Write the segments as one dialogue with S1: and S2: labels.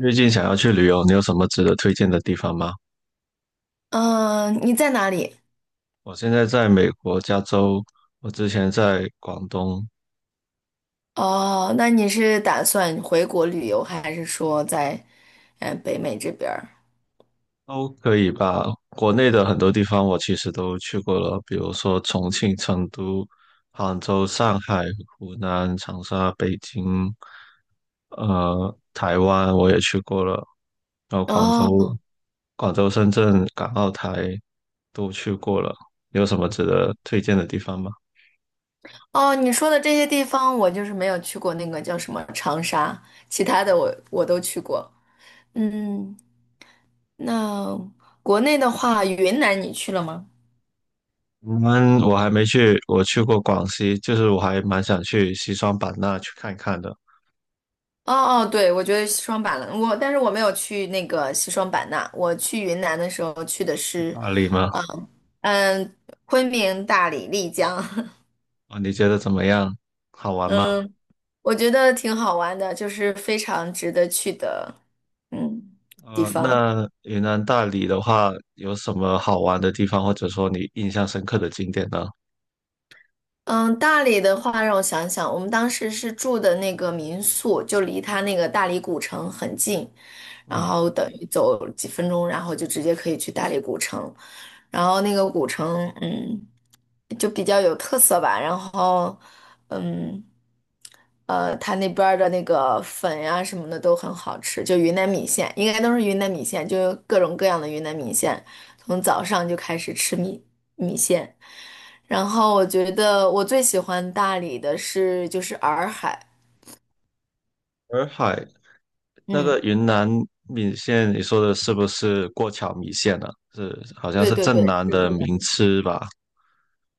S1: 最近想要去旅游，你有什么值得推荐的地方吗？
S2: 嗯，你在哪里？
S1: 我现在在美国加州，我之前在广东，
S2: 哦，那你是打算回国旅游，还是说在北美这边儿？
S1: 都可以吧。国内的很多地方我其实都去过了，比如说重庆、成都、杭州、上海、湖南、长沙、北京，台湾我也去过了，然后广州、
S2: 哦
S1: 深圳、港澳台都去过了。有什么值得推荐的地方吗？
S2: 哦，你说的这些地方，我就是没有去过那个叫什么长沙，其他的我都去过。嗯，那国内的话，云南你去了吗？
S1: 我还没去，我去过广西，就是我还蛮想去西双版纳去看看的，
S2: 哦哦，对，我觉得西双版纳，但是我没有去那个西双版纳，我去云南的时候去的
S1: 去
S2: 是，
S1: 大理吗？
S2: 嗯嗯，昆明、大理、丽江。
S1: 啊，你觉得怎么样？好玩吗？
S2: 嗯，我觉得挺好玩的，就是非常值得去的，嗯，地方。
S1: 那云南大理的话，有什么好玩的地方，或者说你印象深刻的景点呢？
S2: 嗯，大理的话，让我想想，我们当时是住的那个民宿，就离它那个大理古城很近，然
S1: 嗯，
S2: 后等于走几分钟，然后就直接可以去大理古城。然后那个古城，就比较有特色吧。然后，嗯。它那边儿的那个粉呀、什么的都很好吃，就云南米线，应该都是云南米线，就各种各样的云南米线，从早上就开始吃米线。然后我觉得我最喜欢大理的是就是洱海，
S1: 洱海那
S2: 嗯，
S1: 个云南米线，你说的是不是过桥米线呢、是，好像
S2: 对
S1: 是
S2: 对对，
S1: 镇南
S2: 是贵
S1: 的名
S2: 的
S1: 吃吧？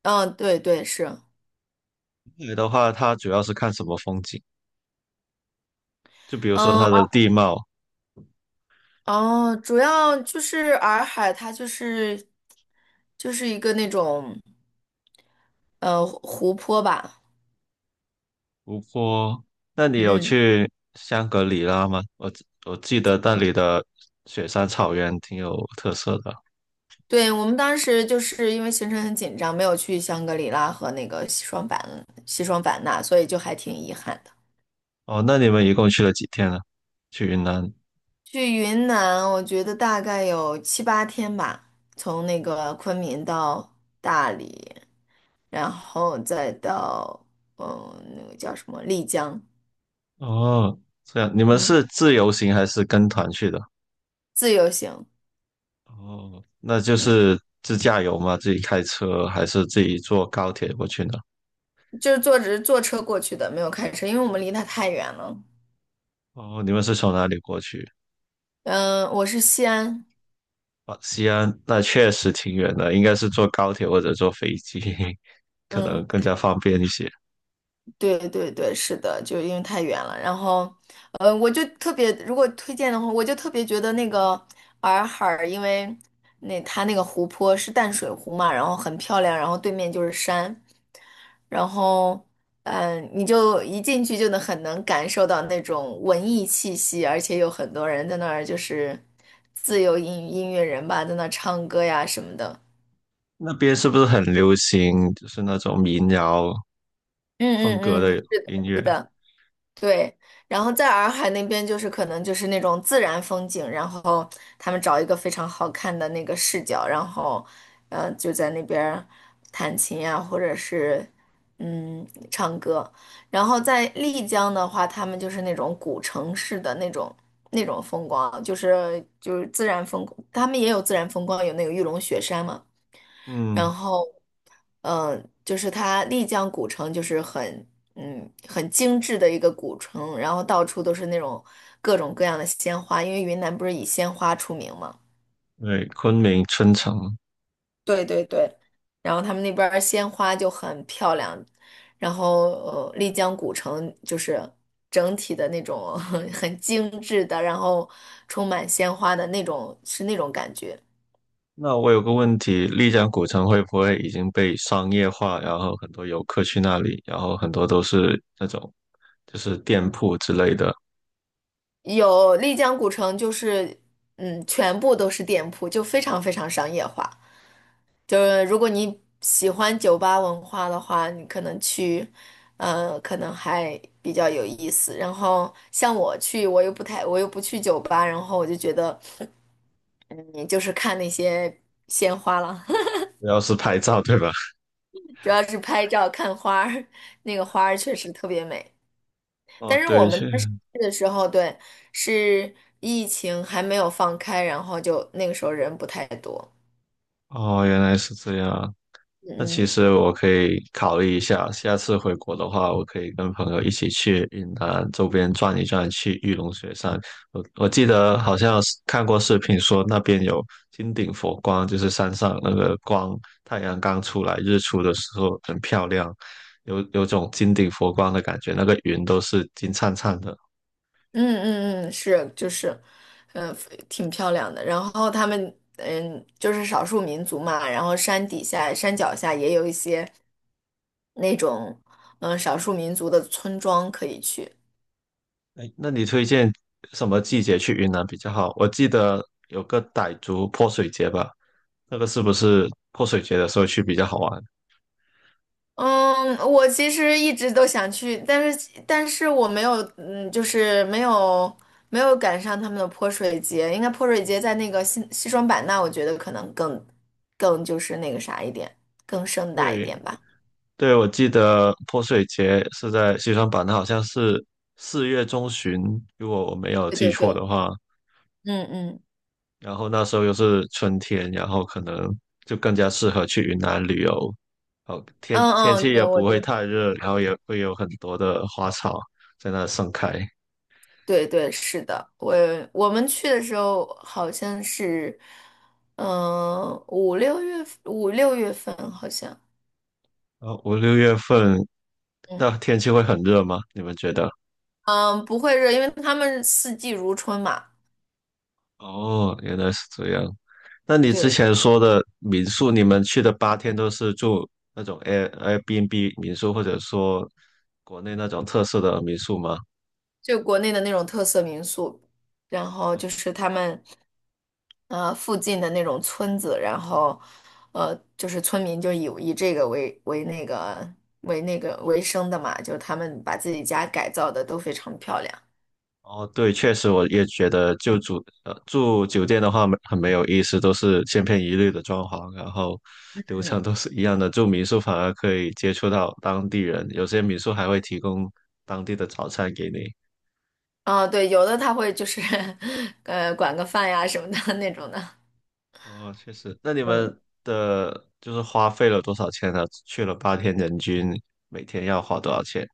S2: 嗯，对对是，
S1: 洱海的话，它主要是看什么风景？就比如说
S2: 嗯，
S1: 它的地貌，
S2: 哦，主要就是洱海，它就是一个那种湖泊吧，
S1: 湖泊，那你有
S2: 嗯。
S1: 去香格里拉吗？我记得那里的雪山草原挺有特色的。
S2: 对，我们当时就是因为行程很紧张，没有去香格里拉和那个西双版纳，所以就还挺遗憾的。
S1: 哦，那你们一共去了几天呢？去云南？
S2: 去云南，我觉得大概有七八天吧，从那个昆明到大理，然后再到那个叫什么丽江，
S1: 哦，这样，你们
S2: 嗯，
S1: 是自由行还是跟团去的？
S2: 自由行，
S1: 哦，那就
S2: 嗯，
S1: 是自驾游吗？自己开车还是自己坐高铁过去呢？
S2: 就是坐着坐车过去的，没有开车，因为我们离它太远了。
S1: 哦，你们是从哪里过去？
S2: 嗯，我是西安，
S1: 哦，西安，那确实挺远的，应该是坐高铁或者坐飞机，可
S2: 嗯。
S1: 能更加方便一些。
S2: 对对对，是的，就因为太远了。然后，我就特别，如果推荐的话，我就特别觉得那个洱海儿因为那它那个湖泊是淡水湖嘛，然后很漂亮，然后对面就是山，然后，你就一进去就能很能感受到那种文艺气息，而且有很多人在那儿就是自由音乐人吧，在那儿唱歌呀什么的。
S1: 那边是不是很流行，就是那种民谣
S2: 嗯
S1: 风
S2: 嗯
S1: 格
S2: 嗯，
S1: 的
S2: 是
S1: 音
S2: 的，是
S1: 乐？
S2: 的。对，然后在洱海那边就是可能就是那种自然风景，然后他们找一个非常好看的那个视角，然后就在那边儿弹琴呀，或者是唱歌。然后在丽江的话，他们就是那种古城式的那种风光，就是自然风光他们也有自然风光，有那个玉龙雪山嘛。然
S1: 嗯，
S2: 后就是它丽江古城就是很很精致的一个古城，然后到处都是那种各种各样的鲜花，因为云南不是以鲜花出名嘛，
S1: 对，昆明春城。
S2: 对对对，然后他们那边儿鲜花就很漂亮，然后丽江古城就是整体的那种 很精致的，然后充满鲜花的那种是那种感觉。
S1: 那我有个问题，丽江古城会不会已经被商业化，然后很多游客去那里，然后很多都是那种就是店铺之类的，
S2: 有丽江古城就是全部都是店铺，就非常非常商业化。就是如果你喜欢酒吧文化的话，你可能去，可能还比较有意思。然后像我去，我又不太，我又不去酒吧，然后我就觉得，嗯，就是看那些鲜花了，
S1: 主要是拍照，对吧？
S2: 主要是拍照看花儿，那个花儿确实特别美。
S1: 哦，
S2: 但是我
S1: 对，
S2: 们当时去的时候，对，是疫情还没有放开，然后就那个时候人不太多。
S1: 哦，原来是这样。那其
S2: 嗯嗯。
S1: 实我可以考虑一下，下次回国的话，我可以跟朋友一起去云南周边转一转，去玉龙雪山。我记得好像是看过视频说那边有金顶佛光，就是山上那个光，太阳刚出来日出的时候很漂亮，有种金顶佛光的感觉，那个云都是金灿灿的。
S2: 嗯嗯嗯，是就是，嗯、挺漂亮的。然后他们就是少数民族嘛，然后山底下、山脚下也有一些那种少数民族的村庄可以去。
S1: 哎，那你推荐什么季节去云南比较好？我记得有个傣族泼水节吧，那个是不是泼水节的时候去比较好玩？
S2: 嗯，我其实一直都想去，但是我没有，就是没有赶上他们的泼水节。应该泼水节在那个西双版纳，我觉得可能更就是那个啥一点，更盛大一点
S1: 对
S2: 吧。
S1: 对，我记得泼水节是在西双版纳，好像是4月中旬，如果我没有
S2: 对
S1: 记
S2: 对
S1: 错
S2: 对，
S1: 的话。
S2: 嗯嗯。
S1: 然后那时候又是春天，然后可能就更加适合去云南旅游。哦，天
S2: 嗯
S1: 天
S2: 嗯，
S1: 气
S2: 对，
S1: 也不
S2: 我觉
S1: 会
S2: 得，
S1: 太热，然后也会有很多的花草在那盛开。
S2: 对对是的，我们去的时候好像是，嗯、五六月五六月份好像，
S1: 哦，5、6月份，
S2: 嗯
S1: 那天气会很热吗？你们觉得？
S2: 嗯，不会热，因为他们四季如春嘛，
S1: 哦，原来是这样。那你之
S2: 对对，
S1: 前说的民宿，你们去的八天都是住那种 Airbnb 民宿，或者说国内那种特色的民宿吗？
S2: 就国内的那种特色民宿，然后就是他们附近的那种村子，然后就是村民就以这个为为那个为那个为生的嘛，就是他们把自己家改造的都非常漂亮，
S1: 哦，对，确实，我也觉得就住住酒店的话没有意思，都是千篇一律的装潢，然后流
S2: 嗯。
S1: 程都是一样的。住民宿反而可以接触到当地人，有些民宿还会提供当地的早餐给你。
S2: 啊，对，有的他会就是 管个饭呀什么的 那种的。
S1: 哦，确实。那你
S2: 嗯
S1: 们的就是花费了多少钱呢？去了八天，人均每天要花多少钱？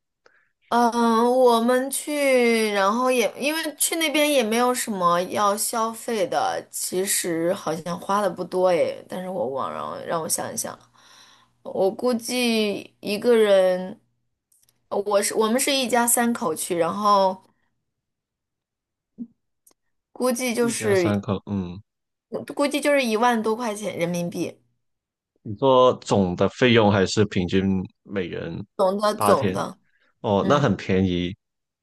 S2: 嗯，我们去，然后也因为去那边也没有什么要消费的，其实好像花的不多诶，但是我忘了，让我想一想，我估计一个人，我们是一家三口去，然后估计就
S1: 一家三
S2: 是
S1: 口，嗯，
S2: 估计就是1万多块钱人民币，
S1: 你说总的费用还是平均每人
S2: 总的
S1: 八
S2: 总
S1: 天？
S2: 的，
S1: 哦，那
S2: 嗯。
S1: 很便宜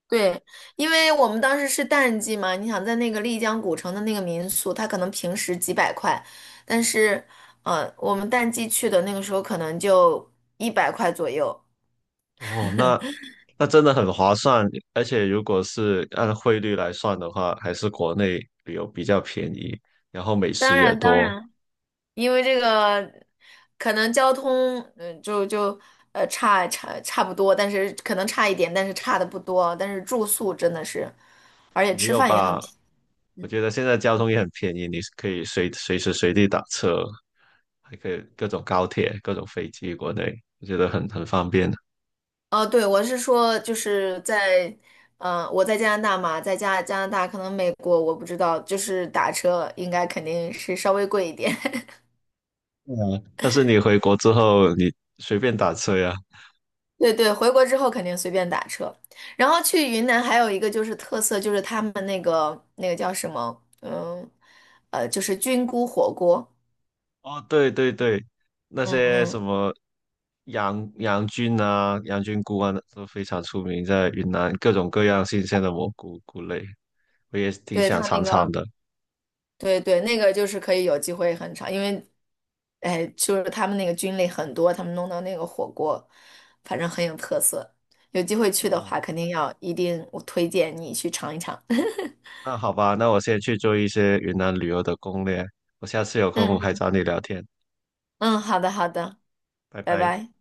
S2: 对，因为我们当时是淡季嘛，你想在那个丽江古城的那个民宿，它可能平时几百块，但是，我们淡季去的那个时候可能就100块左右。
S1: 哦，那真的很划算。而且如果是按汇率来算的话，还是国内旅游比较便宜，然后美食
S2: 当
S1: 也
S2: 然，当
S1: 多。
S2: 然，因为这个可能交通，就差不多，但是可能差一点，但是差的不多，但是住宿真的是，而且
S1: 没
S2: 吃
S1: 有
S2: 饭也很
S1: 吧？我觉得现在交通也很便宜，你可以随时随地打车。还可以各种高铁、各种飞机，国内我觉得很方便的。
S2: 哦，对，我是说，就是在，我在加拿大嘛，在加拿大，可能美国我不知道，就是打车应该肯定是稍微贵一点。
S1: 对啊，但是你回国之后，你随便打车呀。
S2: 对对，回国之后肯定随便打车。然后去云南还有一个就是特色，就是他们那个叫什么，就是菌菇火锅。
S1: 哦，对对对，那
S2: 嗯
S1: 些什
S2: 嗯，
S1: 么杨菌啊、羊菌菇啊，都非常出名，在云南各种各样新鲜的蘑菇菇类，我也挺
S2: 对，
S1: 想
S2: 他那
S1: 尝尝
S2: 个。
S1: 的。
S2: 对对，那个就是可以有机会很长，因为，哎，就是他们那个菌类很多，他们弄的那个火锅，反正很有特色。有机会去的
S1: 哦，
S2: 话，肯定要一定，我推荐你去尝一尝。
S1: 那好吧，那我先去做一些云南旅游的攻略，我下次有空还
S2: 嗯
S1: 找你聊天，
S2: 嗯，好的好的，
S1: 拜
S2: 拜
S1: 拜。
S2: 拜。